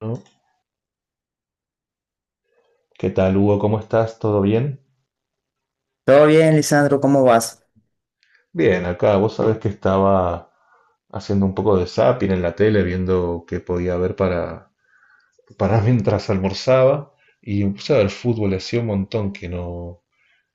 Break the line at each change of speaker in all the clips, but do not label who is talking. ¿No? ¿Qué tal, Hugo? ¿Cómo estás? ¿Todo bien?
Todo bien, Lisandro, ¿cómo vas?
Bien, acá vos sabés que estaba haciendo un poco de zapping en la tele, viendo qué podía ver para mientras almorzaba. Y me puse a ver fútbol, hacía un montón que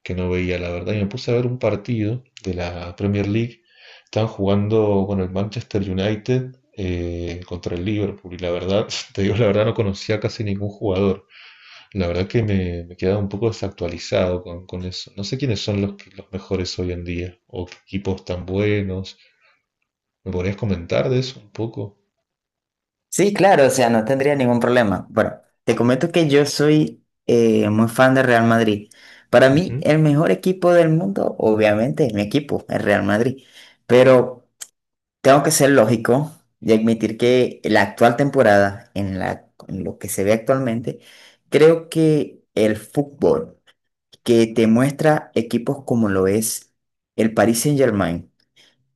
que no veía, la verdad. Y me puse a ver un partido de la Premier League. Estaban jugando con el Manchester United contra el Liverpool. Y la verdad, te digo la verdad, no conocía casi ningún jugador. La verdad que me he quedado un poco desactualizado con eso. No sé quiénes son los mejores hoy en día o qué equipos tan buenos. ¿Me podrías comentar de eso un poco?
Sí, claro, o sea, no tendría ningún problema. Bueno, te comento que yo soy muy fan del Real Madrid. Para mí,
Ujú,
el mejor equipo del mundo, obviamente, es mi equipo, el Real Madrid. Pero tengo que ser lógico y admitir que la actual temporada, en lo que se ve actualmente, creo que el fútbol que te muestra equipos como lo es el Paris Saint-Germain,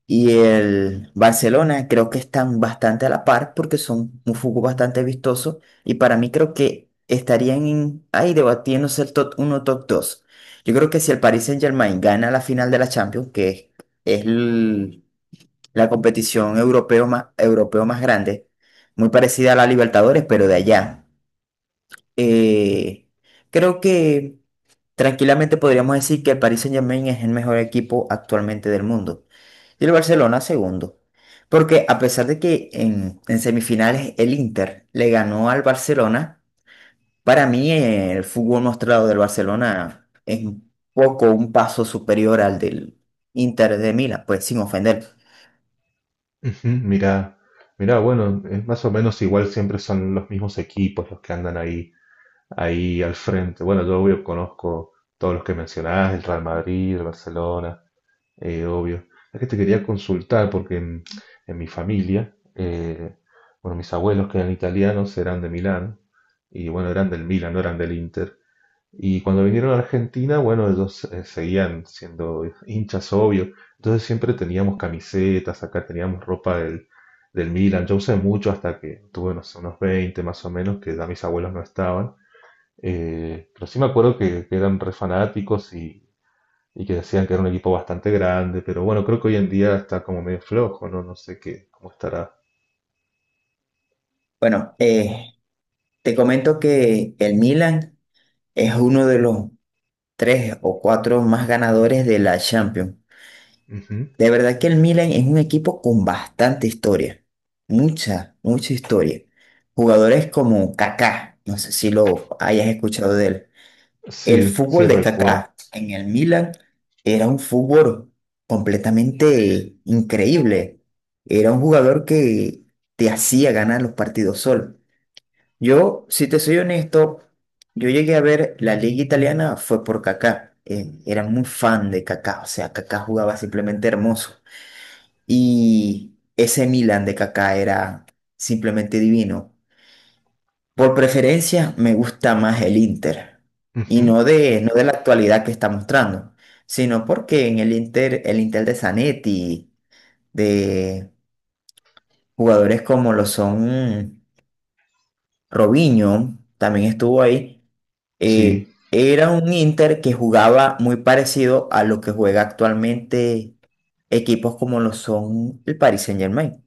y el Barcelona creo que están bastante a la par porque son un fútbol bastante vistoso y para mí creo que ahí debatiéndose el top uno top dos. Yo creo que si el Paris Saint-Germain gana la final de la Champions, que es la competición europeo más grande, muy parecida a la Libertadores, pero de allá, eh, creo que tranquilamente podríamos decir que el Paris Saint-Germain es el mejor equipo actualmente del mundo. Y el Barcelona segundo. Porque a pesar de que en semifinales el Inter le ganó al Barcelona, para mí el fútbol mostrado del Barcelona es un poco un paso superior al del Inter de Milán, pues sin ofender.
ujú. Mira, mira, bueno, es más o menos igual, siempre son los mismos equipos los que andan ahí, ahí al frente. Bueno, yo obvio conozco todos los que mencionás, el Real Madrid, el Barcelona. Obvio. Es que te quería consultar porque en mi familia, bueno, mis abuelos que eran italianos eran de Milán y bueno, eran del Milan, no eran del Inter. Y cuando vinieron a Argentina, bueno, ellos seguían siendo hinchas, obvio. Entonces siempre teníamos camisetas, acá teníamos ropa del Milan. Yo usé mucho hasta que tuve, no sé, unos 20 más o menos, que ya mis abuelos no estaban. Pero sí me acuerdo que eran re fanáticos y que decían que era un equipo bastante grande, pero bueno, creo que hoy en día está como medio flojo, ¿no? No sé qué, cómo estará.
Bueno, te comento que el Milan es uno de los tres o cuatro más ganadores de la Champions.
Ujú.
De verdad que el Milan es un equipo con bastante historia, mucha historia. Jugadores como Kaká, no sé si lo hayas escuchado de él. El
Sí, sí
fútbol de
recuerdo.
Kaká en el Milan era un fútbol completamente increíble. Era un jugador que te hacía ganar los partidos solo. Yo, si te soy honesto, yo llegué a ver la liga italiana fue por Kaká. Era muy fan de Kaká, o sea, Kaká jugaba simplemente hermoso. Y ese Milan de Kaká era simplemente divino. Por preferencia, me gusta más el Inter. Y
Ujú.
no de la actualidad que está mostrando, sino porque en el Inter de Zanetti, de jugadores como lo son Robinho, también estuvo ahí,
Sí.
era un Inter que jugaba muy parecido a lo que juega actualmente equipos como lo son el Paris Saint-Germain.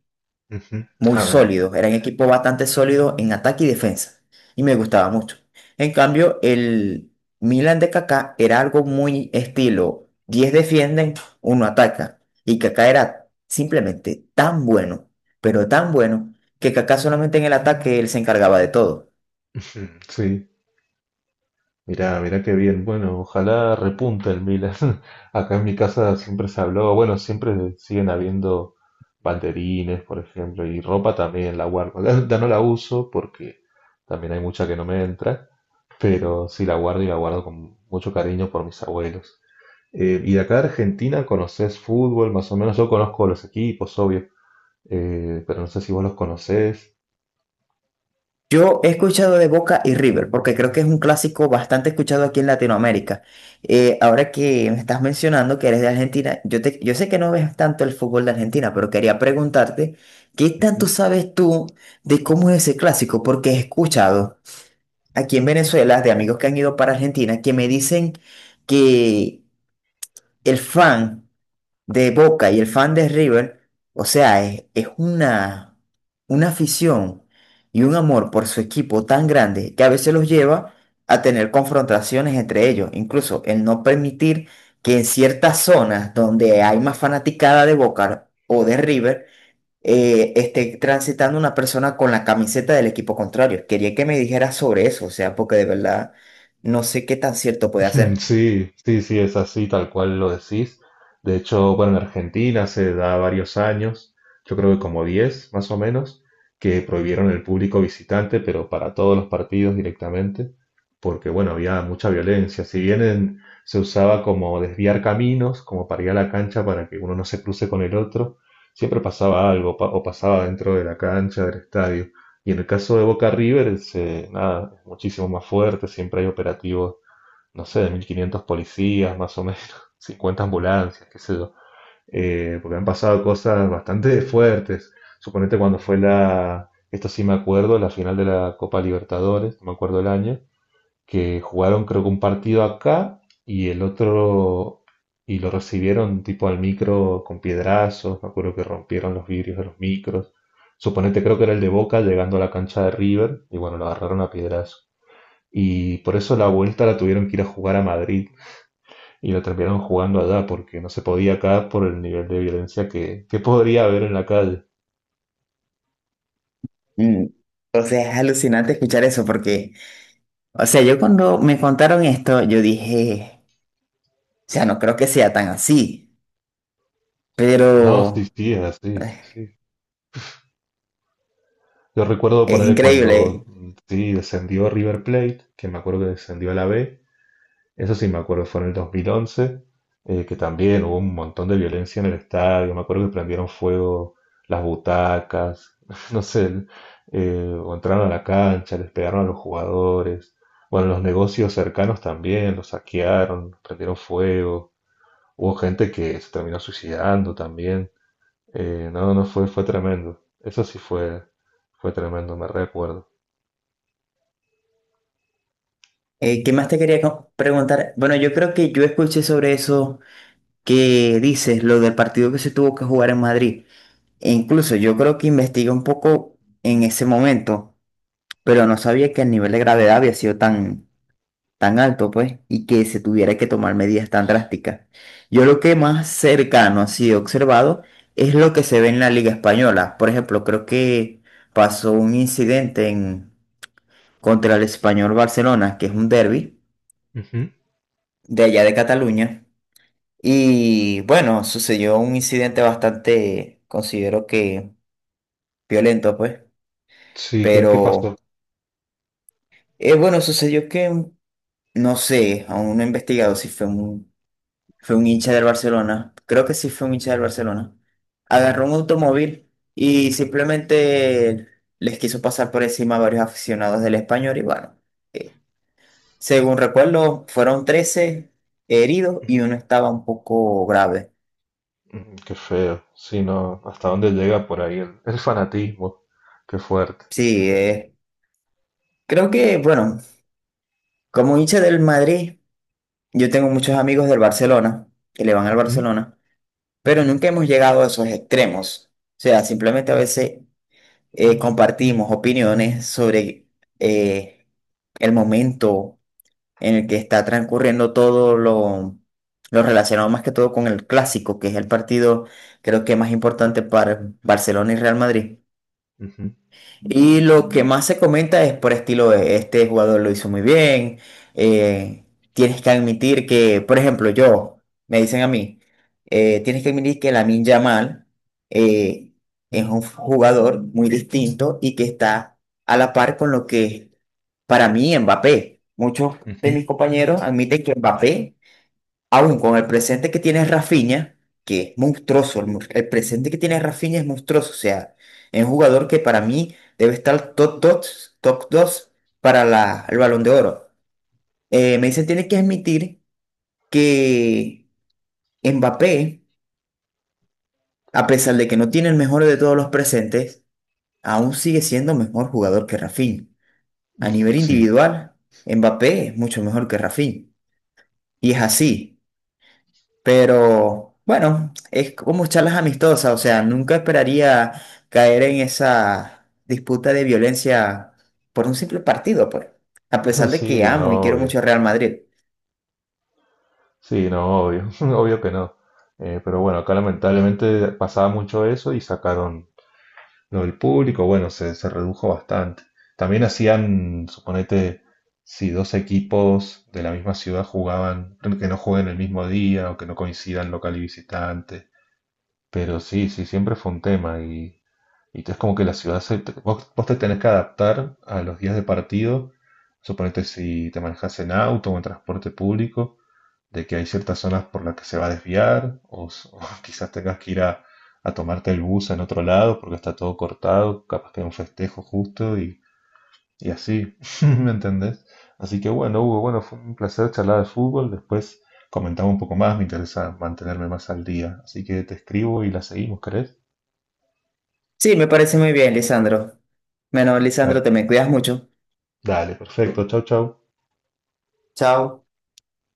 Ujú.
Muy
Ah, mira.
sólido, era un equipo bastante sólido en ataque y defensa, y me gustaba mucho. En cambio, el Milan de Kaká era algo muy estilo, 10 defienden, uno ataca, y Kaká era simplemente tan bueno, pero tan bueno, que Kaká solamente en el ataque él se encargaba de todo.
Ujú. Sí. Mirá, mirá qué bien. Bueno, ojalá repunte el Milan. Acá en mi casa siempre se habló, bueno, siempre siguen habiendo banderines, por ejemplo, y ropa también la guardo. La no la uso porque también hay mucha que no me entra, pero sí la guardo y la guardo con mucho cariño por mis abuelos. Y de acá de Argentina, ¿conocés fútbol? Más o menos yo conozco los equipos, obvio, pero no sé si vos los conocés.
Yo he escuchado de Boca y River, porque creo que es un clásico bastante escuchado aquí en Latinoamérica. Ahora que me estás mencionando que eres de Argentina, yo sé que no ves tanto el fútbol de Argentina, pero quería preguntarte, ¿qué tanto sabes tú de cómo es ese clásico? Porque he escuchado aquí en Venezuela de amigos que han ido para Argentina que me dicen que el fan de Boca y el fan de River, o sea, es una afición y un amor por su equipo tan grande que a veces los lleva a tener confrontaciones entre ellos, incluso el no permitir que en ciertas zonas donde hay más fanaticada de Boca o de River, esté transitando una persona con la camiseta del equipo contrario. Quería que me dijeras sobre eso, o sea, porque de verdad no sé qué tan cierto puede hacer.
Sí, sí, sí, es así, tal cual lo decís. De hecho, bueno, en Argentina se da varios años, yo creo que como 10, más o menos, que prohibieron el público visitante, pero para todos los partidos directamente, porque bueno, había mucha violencia. Si bien en- Se usaba como desviar caminos, como para ir a la cancha para que uno no se cruce con el otro, siempre pasaba algo, o pasaba dentro de la cancha, del estadio. Y en el caso de Boca River, nada, es muchísimo más fuerte, siempre hay operativos, no sé, de 1.500 policías más o menos, 50 ambulancias, qué sé yo. Porque han pasado cosas bastante fuertes. Suponete cuando fue esto sí me acuerdo, la final de la Copa Libertadores, no me acuerdo el año, que jugaron creo que un partido acá y el otro, y lo recibieron tipo al micro con piedrazos, me acuerdo que rompieron los vidrios de los micros. Suponete creo que era el de Boca llegando a la cancha de River y bueno, lo agarraron a piedrazos. Y por eso la vuelta la tuvieron que ir a jugar a Madrid, y lo terminaron jugando allá porque no se podía acá por el nivel de violencia que podría haber en la calle.
Mm, o sea, es alucinante escuchar eso porque... O sea, yo cuando me contaron esto, yo dije, o sea, no creo que sea tan así,
No, sí,
pero
sí, es así, sí,
eh,
sí. Yo recuerdo
es
ponerle cuando
increíble.
sí descendió River Plate, que me acuerdo que descendió a la B, eso sí me acuerdo, fue en el 2011, que también hubo un montón de violencia en el estadio, me acuerdo que prendieron fuego las butacas, no sé, o entraron a la cancha, les pegaron a los jugadores, bueno, los negocios cercanos también, los saquearon, prendieron fuego. Hubo gente que se terminó suicidando también. No fue, fue tremendo. Eso sí fue, fue tremendo, me recuerdo.
¿Qué más te preguntar? Bueno, yo creo que yo escuché sobre eso que dices, lo del partido que se tuvo que jugar en Madrid. E incluso yo creo que investigué un poco en ese momento, pero no sabía que el nivel de gravedad había sido tan... tan alto, pues, y que se tuviera que tomar medidas tan drásticas. Yo lo que más cercano así he observado es lo que se ve en la Liga Española. Por ejemplo, creo que pasó un incidente en, contra el Español Barcelona, que es un derbi
Ujú.
de allá de Cataluña. Y bueno, sucedió un incidente bastante, considero que violento, pues,
Sí, ¿qué, qué
pero
pasó?
bueno, no sé, aún no he investigado si fue un Fue un hincha del Barcelona. Creo que sí fue un hincha del Barcelona. Agarró un automóvil y simplemente les quiso pasar por encima a varios aficionados del Español. Y bueno, eh, según recuerdo, fueron 13 heridos y uno estaba un poco grave.
Mm, qué feo. Sí, no, hasta dónde llega por ahí el fanatismo. Qué fuerte.
Sí, creo que, bueno, como hincha del Madrid, yo tengo muchos amigos del Barcelona que le van al
Ujú,
Barcelona, pero nunca hemos llegado a esos extremos. O sea, simplemente a veces compartimos opiniones sobre eh, el momento en el que está transcurriendo lo relacionado más que todo con el clásico, que es el partido creo que más importante para Barcelona y Real Madrid.
ujú,
Y lo que más se comenta es por estilo de este jugador lo hizo muy bien. Eh, tienes que admitir que, por ejemplo, yo, me dicen a mí, tienes que admitir que Lamine Yamal eh, es un jugador muy distinto y que está a la par con lo que es para mí Mbappé. Muchos
ujú,
de
ujú.
mis compañeros admiten que Mbappé aún con el presente que tiene Rafinha, que es monstruoso, el presente que tiene Rafinha es monstruoso, o sea, es un jugador que para mí debe estar top 2 para el Balón de Oro. Me dicen, tiene que admitir que Mbappé, a pesar de que no tiene el mejor de todos los presentes, aún sigue siendo mejor jugador que Rafinha. A nivel
Sí.
individual, Mbappé es mucho mejor que Rafinha. Y es así. Pero bueno, es como charlas amistosas, o sea, nunca esperaría caer en esa disputa de violencia por un simple partido, pues, a pesar de que
Sí,
amo y
no,
quiero
obvio.
mucho a Real Madrid.
Sí, no, obvio. Obvio que no. Pero bueno, acá lamentablemente pasaba mucho eso y sacaron, lo del público, bueno, se redujo bastante. También hacían, suponete, si dos equipos de la misma ciudad jugaban, que no jueguen el mismo día o que no coincidan local y visitante. Pero sí, sí, siempre fue un tema y es como que la ciudad, se, vos, vos te tenés que adaptar a los días de partido. Suponete si te manejas en auto o en transporte público de que hay ciertas zonas por las que se va a desviar, o, o quizás tengas que ir a tomarte el bus en otro lado porque está todo cortado, capaz que hay un festejo justo y así, ¿me entendés? Así que bueno, Hugo, bueno, fue un placer charlar de fútbol, después comentamos un poco más, me interesa mantenerme más al día, así que te escribo y la seguimos, ¿querés?
Sí, me parece muy bien, Lisandro. Bueno, Lisandro,
Dale,
te me cuidas mucho.
dale, perfecto, chau, chau.
Chao.